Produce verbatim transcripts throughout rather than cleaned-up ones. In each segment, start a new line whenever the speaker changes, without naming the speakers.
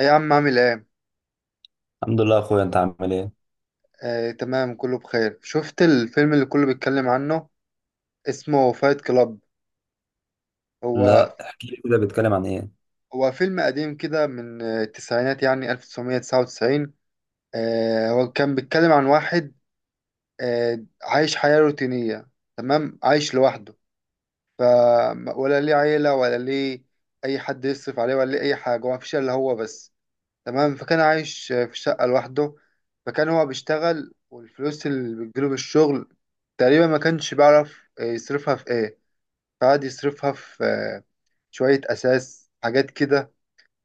ايه يا عم عامل ايه؟
الحمد لله يا اخويا. انت عامل ايه؟
آه، تمام كله بخير. شفت الفيلم اللي كله بيتكلم عنه؟ اسمه فايت كلاب. هو
لا، احكي لي كده بيتكلم عن ايه.
هو فيلم قديم كده من آه، التسعينات، يعني ألف وتسعمية تسعة وتسعين. آه، هو كان بيتكلم عن واحد آه، عايش حياة روتينية. تمام، عايش لوحده. ف ولا ليه عيلة ولا ليه أي حد يصرف عليه، ولا ليه أي حاجة، هو مفيش إلا هو بس. تمام، فكان عايش في شقة لوحده. فكان هو بيشتغل والفلوس اللي بتجيله بالشغل تقريبا ما كانش بيعرف يصرفها في ايه. فقعد يصرفها في آه، شوية أساس، حاجات كده،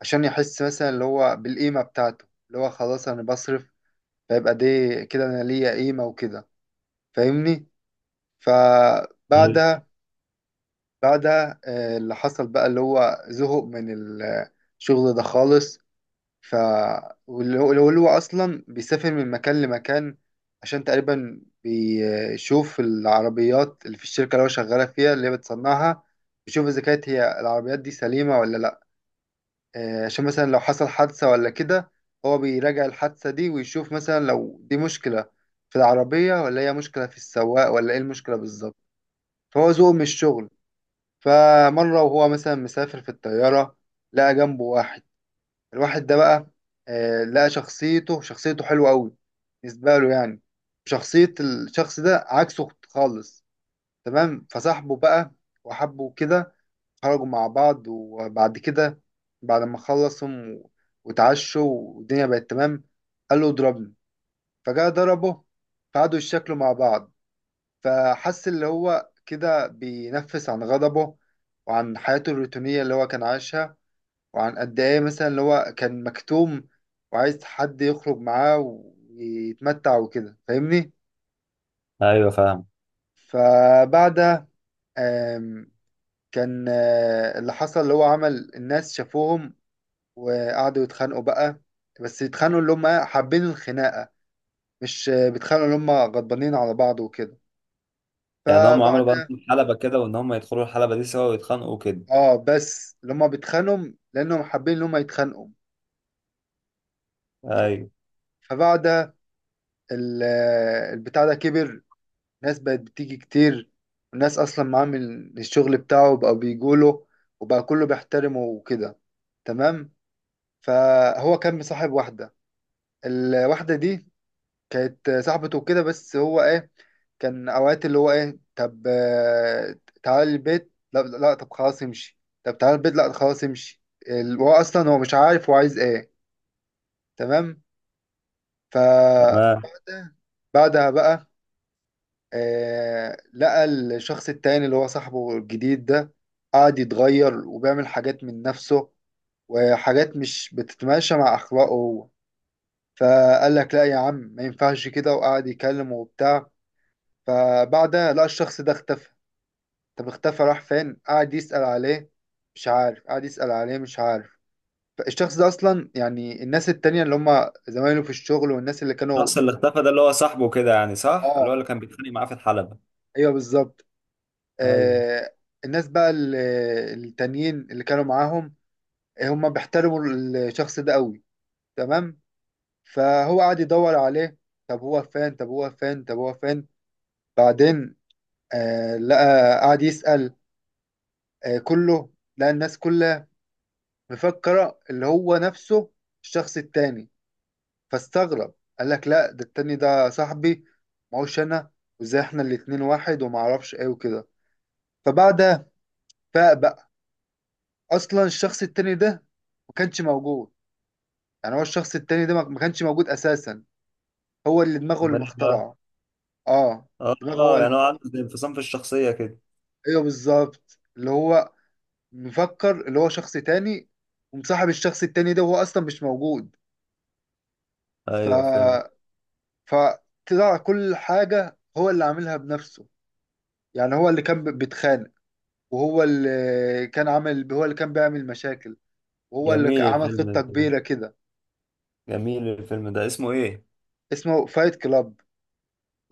عشان يحس مثلا اللي هو بالقيمة بتاعته، اللي هو خلاص أنا بصرف، فيبقى دي كده أنا ليا قيمة وكده. فاهمني؟
مم.
فبعدها بعدها آه، اللي حصل بقى اللي هو زهق من الشغل ده خالص. ف واللي هو اللي هو اصلا بيسافر من مكان لمكان عشان تقريبا بيشوف العربيات اللي في الشركه اللي هو شغاله فيها، اللي هي بتصنعها، بيشوف اذا كانت هي العربيات دي سليمه ولا لا. آه، عشان مثلا لو حصل حادثه ولا كده، هو بيراجع الحادثه دي ويشوف مثلا لو دي مشكله في العربيه، ولا هي مشكله في السواق، ولا ايه المشكله بالظبط. فهو ذوقه من الشغل. فمره وهو مثلا مسافر في الطياره، لقى جنبه واحد. الواحد ده بقى، آه، لقى شخصيته شخصيته حلوة قوي بالنسبة له، يعني شخصية الشخص ده عكسه خالص. تمام، فصاحبه بقى وحبه كده. خرجوا مع بعض، وبعد كده بعد ما خلصهم و- واتعشوا والدنيا بقت تمام، قال له اضربني. فجاء ضربه، فقعدوا يتشكلوا مع بعض. فحس اللي هو كده بينفس عن غضبه وعن حياته الروتينية اللي هو كان عايشها، وعن قد ايه مثلا اللي هو كان مكتوم وعايز حد يخرج معاه ويتمتع وكده. فاهمني؟
ايوه، فاهم.
فبعدها آم، كان آه، اللي حصل اللي هو عمل الناس شافوهم وقعدوا يتخانقوا بقى. بس يتخانقوا اللي هم إيه؟ حابين الخناقة، مش آه، بيتخانقوا اللي هم غضبانين على بعض وكده.
يعني هم عملوا بقى
فبعدها
حلبة كده، وان هم يدخلوا الحلبة دي سوا ويتخانقوا كده.
اه، بس اللي هم بيتخانقوا لانهم حابين اللي هم يتخانقوا.
ايوه.
فبعدها ال- آه، البتاع ده كبر، ناس بقت بتيجي كتير، وناس اصلا معامل الشغل بتاعه بقى بيجوله، وبقى كله بيحترمه وكده. تمام، فهو كان مصاحب واحدة. الواحدة دي كانت صاحبته وكده، بس هو ايه، كان اوقات اللي هو ايه، طب آه، تعالى البيت، لا لا، طب خلاص امشي. طب تعالى البيت، لا خلاص امشي. ال- هو اصلا هو مش عارف هو عايز ايه. تمام. ف
تمام.
بعدها بعدها بقى آه، لقى الشخص التاني اللي هو صاحبه الجديد ده قاعد يتغير وبيعمل حاجات من نفسه، وحاجات مش بتتماشى مع أخلاقه هو. فقال لك لا يا عم، ما ينفعش كده، وقعد يكلمه وبتاع. فبعدها لقى الشخص ده اختفى. طب اختفى راح فين؟ قعد يسأل عليه، مش عارف. قعد يسأل عليه، مش عارف. فالشخص ده أصلا، يعني الناس التانية اللي هم زمايله في الشغل والناس اللي كانوا
الشخص
ب...
اللي اختفى ده اللي هو صاحبه كده، يعني صح؟ اللي
اه
هو اللي كان بيتخانق معاه في الحلبة؟
ايوه بالظبط.
ايوه.
آه، الناس بقى ال- التانيين اللي كانوا معاهم، آه، هم بيحترموا الشخص ده قوي. تمام، فهو قعد يدور عليه. طب هو فين؟ طب هو فين؟ طب هو فين؟ بعدين آه، لقى قعد يسأل. آه كله لقى الناس كلها مفكرة اللي هو نفسه الشخص التاني. فاستغرب، قال لك لا، ده التاني ده صاحبي، ما هوش انا، وازاي احنا الاتنين واحد وما اعرفش ايه وكده. فبعدها فاق بقى. اصلا الشخص التاني ده ما كانش موجود. يعني هو الشخص التاني ده ما ما كانش موجود اساسا، هو اللي دماغه اللي
امال ايه بقى؟
مخترعه. اه دماغه هو
اه،
اللي...
يعني هو عنده زي انفصام في الشخصية كده.
ايوه بالظبط، اللي هو مفكر اللي هو شخص تاني ومصاحب الشخص التاني ده وهو اصلا مش موجود. ف
ايوه، فهمت.
فطلع كل حاجه هو اللي عاملها بنفسه. يعني هو اللي كان ب- بيتخانق، وهو اللي كان عامل، هو اللي كان بيعمل مشاكل، وهو اللي ك-
جميل
عمل خطه
الفيلم ده.
كبيره كده.
جميل الفيلم ده، اسمه ايه؟
اسمه فايت كلاب،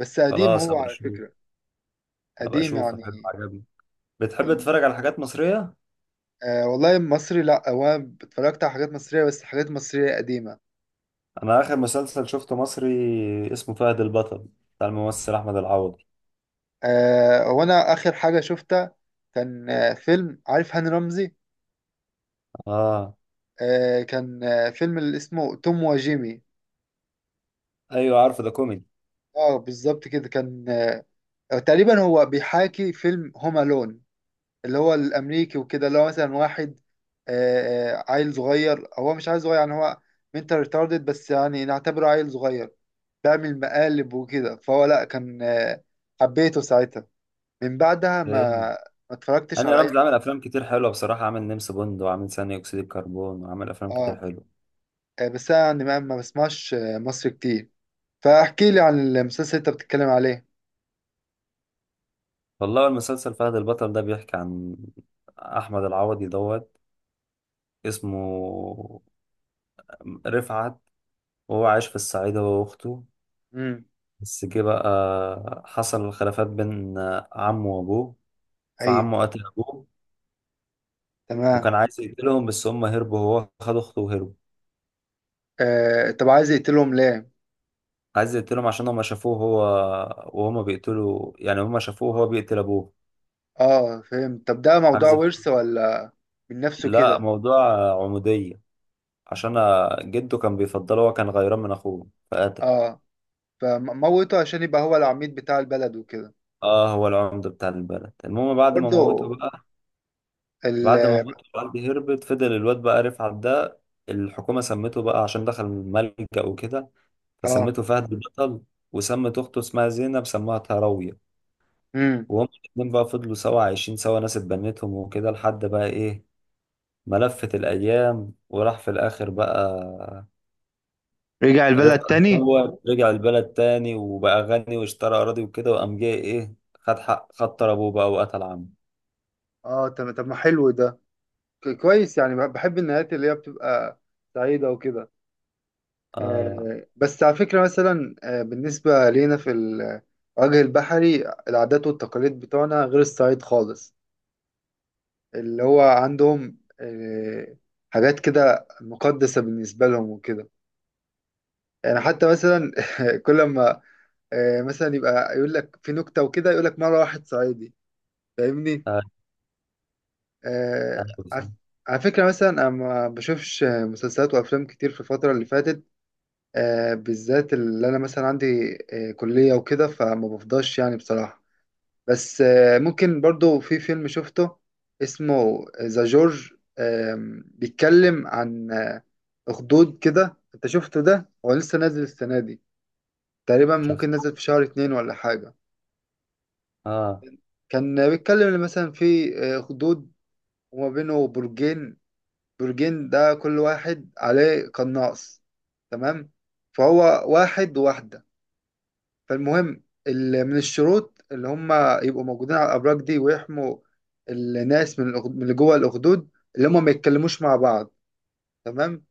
بس قديم
خلاص،
هو
هبقى
على
اشوف.
فكره.
هبقى
قديم
اشوفه، حلو،
يعني
عجبني. بتحب
من
تتفرج على حاجات مصرية؟
آه. والله مصري لا، هو انا اتفرجت على حاجات مصرية، بس حاجات مصرية قديمة.
انا اخر مسلسل شفته مصري اسمه فهد البطل، بتاع الممثل احمد العوضي.
آه، هو انا اخر حاجة شفتها كان آه فيلم، عارف هاني رمزي؟
اه.
آه كان آه فيلم اللي اسمه توم وجيمي.
ايوه، عارفه ده، كوميدي.
اه بالظبط كده كان. آه تقريبا هو بيحاكي فيلم هوم الون، اللي هو الامريكي وكده، اللي هو مثلا واحد آه آه، عيل صغير. هو مش عيل صغير، يعني هو منتال ريتاردد، بس يعني نعتبره عيل صغير، بيعمل مقالب وكده. فهو لا كان آه، حبيته ساعتها. من بعدها ما
جامد.
ما اتفرجتش
هاني
على اي
رمزي
حاجه.
عامل افلام كتير حلوه بصراحه، عامل نمس بوند، وعامل ثاني اكسيد الكربون، وعامل افلام كتير
اه
حلوه.
آه، بس انا يعني ما ما بسمعش آه، مصري كتير. فاحكي لي عن المسلسل اللي انت بتتكلم عليه.
والله المسلسل فهد البطل ده بيحكي عن احمد العوضي دوت اسمه رفعت، وهو عايش في الصعيد هو واخته.
امم،
بس جه بقى حصل خلافات بين عمه وابوه،
ايوه،
فعمه قتل ابوه،
تمام.
وكان عايز يقتلهم بس هم هربوا، هو خد اخته وهربوا.
آه طب عايز يقتلهم ليه؟
عايز يقتلهم عشان هما شافوه، هو وهما بيقتلوا، يعني هما شافوه وهو بيقتل ابوه.
اه فهمت. طب ده موضوع
عايز
ورث ولا من نفسه
لا،
كده؟
موضوع عمودية، عشان جده كان بيفضله، هو كان غيران من اخوه فقتل.
اه، فموته عشان يبقى هو العميد بتاع البلد وكده.
اه، هو العمدة بتاع البلد. المهم بعد ما
وبرضه
موته بقى،
ال...
بعد ما موته والدي هربت، فضل الواد بقى رفعت ده الحكومة سمته بقى عشان دخل ملجأ وكده،
اه،
فسمته فهد البطل، وسمت أخته اسمها زينب سموها تهراوية.
امم،
وهم الاتنين بقى فضلوا سوا، عايشين سوا، ناس اتبنتهم وكده، لحد بقى إيه، ملفت الأيام وراح في الآخر بقى
رجع البلد
ربح.
تاني.
الأول رجع البلد تاني وبقى غني واشترى أراضي وكده، وقام جاي إيه، خد حق، خد طار أبوه بقى وقتل عمه.
اه طب، طب ما حلو ده، ك- كويس يعني. بحب النهايات اللي هي بتبقى سعيدة وكده.
آه.
آه، بس على فكرة مثلا آه، بالنسبة لينا في الوجه البحري العادات والتقاليد بتوعنا غير الصعيد خالص. اللي هو عندهم آه، حاجات كده مقدسة بالنسبة لهم وكده. يعني حتى مثلا كل ما آه، مثلا يبقى يقول لك في نكتة وكده، يقول لك مرة واحد صعيدي. فاهمني؟
آه.
آه، على
أيوه.
على فكرة مثلا أنا ما بشوفش مسلسلات وأفلام كتير في الفترة اللي فاتت. آه، بالذات اللي انا مثلا عندي آه، كلية وكده، فما بفضاش يعني بصراحة. بس آه، ممكن برضو في فيلم شفته اسمه ذا جورج. آم، بيتكلم عن آه، اخدود كده. انت شفته ده؟ هو لسه نازل السنة دي تقريبا،
شفت.
ممكن نازل في شهر اتنين ولا حاجة.
آه.
كان بيتكلم إن مثلا في آه، اخدود وما بينه برجين. برجين ده كل واحد عليه قناص. تمام، فهو واحد وواحدة. فالمهم ال- من الشروط اللي هم يبقوا موجودين على الأبراج دي ويحموا الناس من الأخ- من اللي جوه الأخدود، اللي هم ما يتكلموش مع بعض. تمام،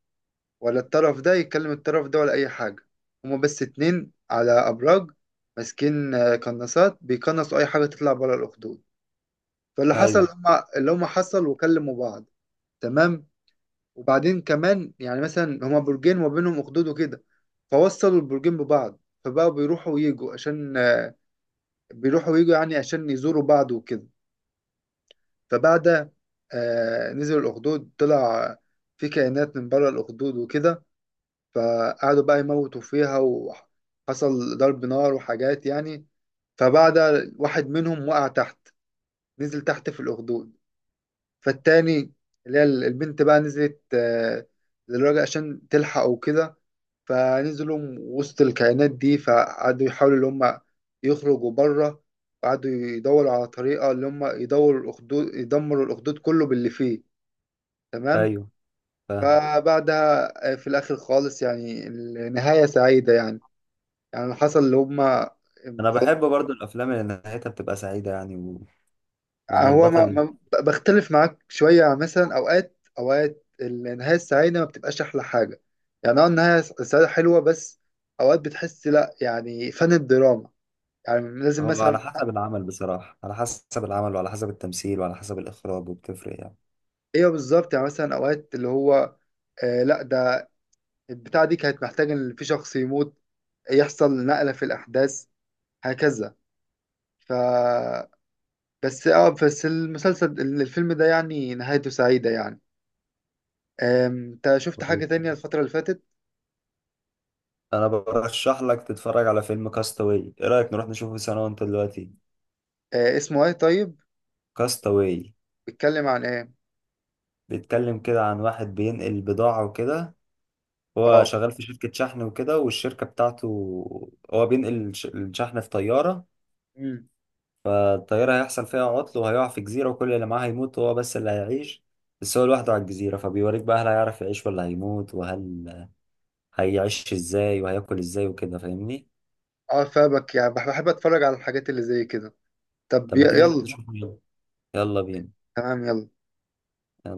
ولا الطرف ده يكلم الطرف ده، ولا أي حاجة. هم بس اتنين على أبراج، ماسكين آه، قناصات، بيقنصوا أي حاجة تطلع بره الأخدود. فاللي حصل
أيوه.
هم اللي هم حصل وكلموا بعض. تمام، وبعدين كمان يعني مثلا هما برجين وما بينهم أخدود وكده، فوصلوا البرجين ببعض، فبقوا بيروحوا ويجوا عشان آه، بيروحوا ويجوا يعني عشان يزوروا بعض وكده. فبعد آه، نزل الأخدود، طلع في كائنات من بره الأخدود وكده. فقعدوا بقى يموتوا فيها، وحصل ضرب نار وحاجات يعني. فبعد، واحد منهم وقع تحت، نزل تحت في الأخدود. فالتاني اللي هي البنت بقى نزلت آه للراجل عشان تلحقه وكده. فنزلوا وسط الكائنات دي، فقعدوا يحاولوا اللي هم يخرجوا بره، وقعدوا يدوروا على طريقة اللي هم يدوروا الأخدود، يدمروا الأخدود كله باللي فيه. تمام.
أيوه، فاهم.
فبعدها آه، في الآخر خالص يعني النهاية سعيدة يعني. يعني اللي حصل اللي هم،
أنا بحب برضو الأفلام اللي نهايتها بتبقى سعيدة، يعني و... وإن
هو ما
البطل...
ما- بختلف معاك شوية. مثلا أوقات أوقات النهاية السعيدة ما بتبقاش أحلى حاجة. يعني أه، النهاية السعيدة حلوة، بس أوقات بتحس لأ، يعني فن الدراما يعني لازم
هو على
مثلا.
حسب العمل بصراحة، على حسب العمل وعلى حسب التمثيل وعلى حسب الإخراج، وبتفرق يعني.
ايوه بالظبط. يعني مثلا اوقات اللي هو آه لا، ده البتاعه دي كانت محتاجه ان في شخص يموت، يحصل نقله في الاحداث هكذا. ف بس اه، بس المسلسل الفيلم ده يعني نهايته سعيده يعني. آم، انت شفت حاجه تانية الفتره اللي فاتت؟
أنا برشح لك تتفرج على فيلم كاستاوي. إيه رأيك نروح نشوفه سوا أنت دلوقتي؟
آه اسمه ايه طيب؟
كاستاوي
بيتكلم عن ايه؟
بيتكلم كده عن واحد بينقل بضاعة وكده. هو
اه،
شغال في شركة شحن وكده، والشركة بتاعته هو بينقل الش- الشحن في طيارة.
امم،
فالطيارة هيحصل فيها عطل وهيقع في جزيرة، وكل اللي معاه هيموت وهو بس اللي هيعيش. بس هو لوحده على الجزيرة، فبيوريك بقى هل هيعرف يعيش ولا هيموت، وهل هيعيش ازاي وهياكل ازاي وكده، فاهمني؟
اه فابك يعني بح- بحب اتفرج على الحاجات اللي زي كده. طب
طب
ي-
ما تيجي نروح
يلا.
نشوفه يلا، يلا بينا،
تمام، يلا.
يلا.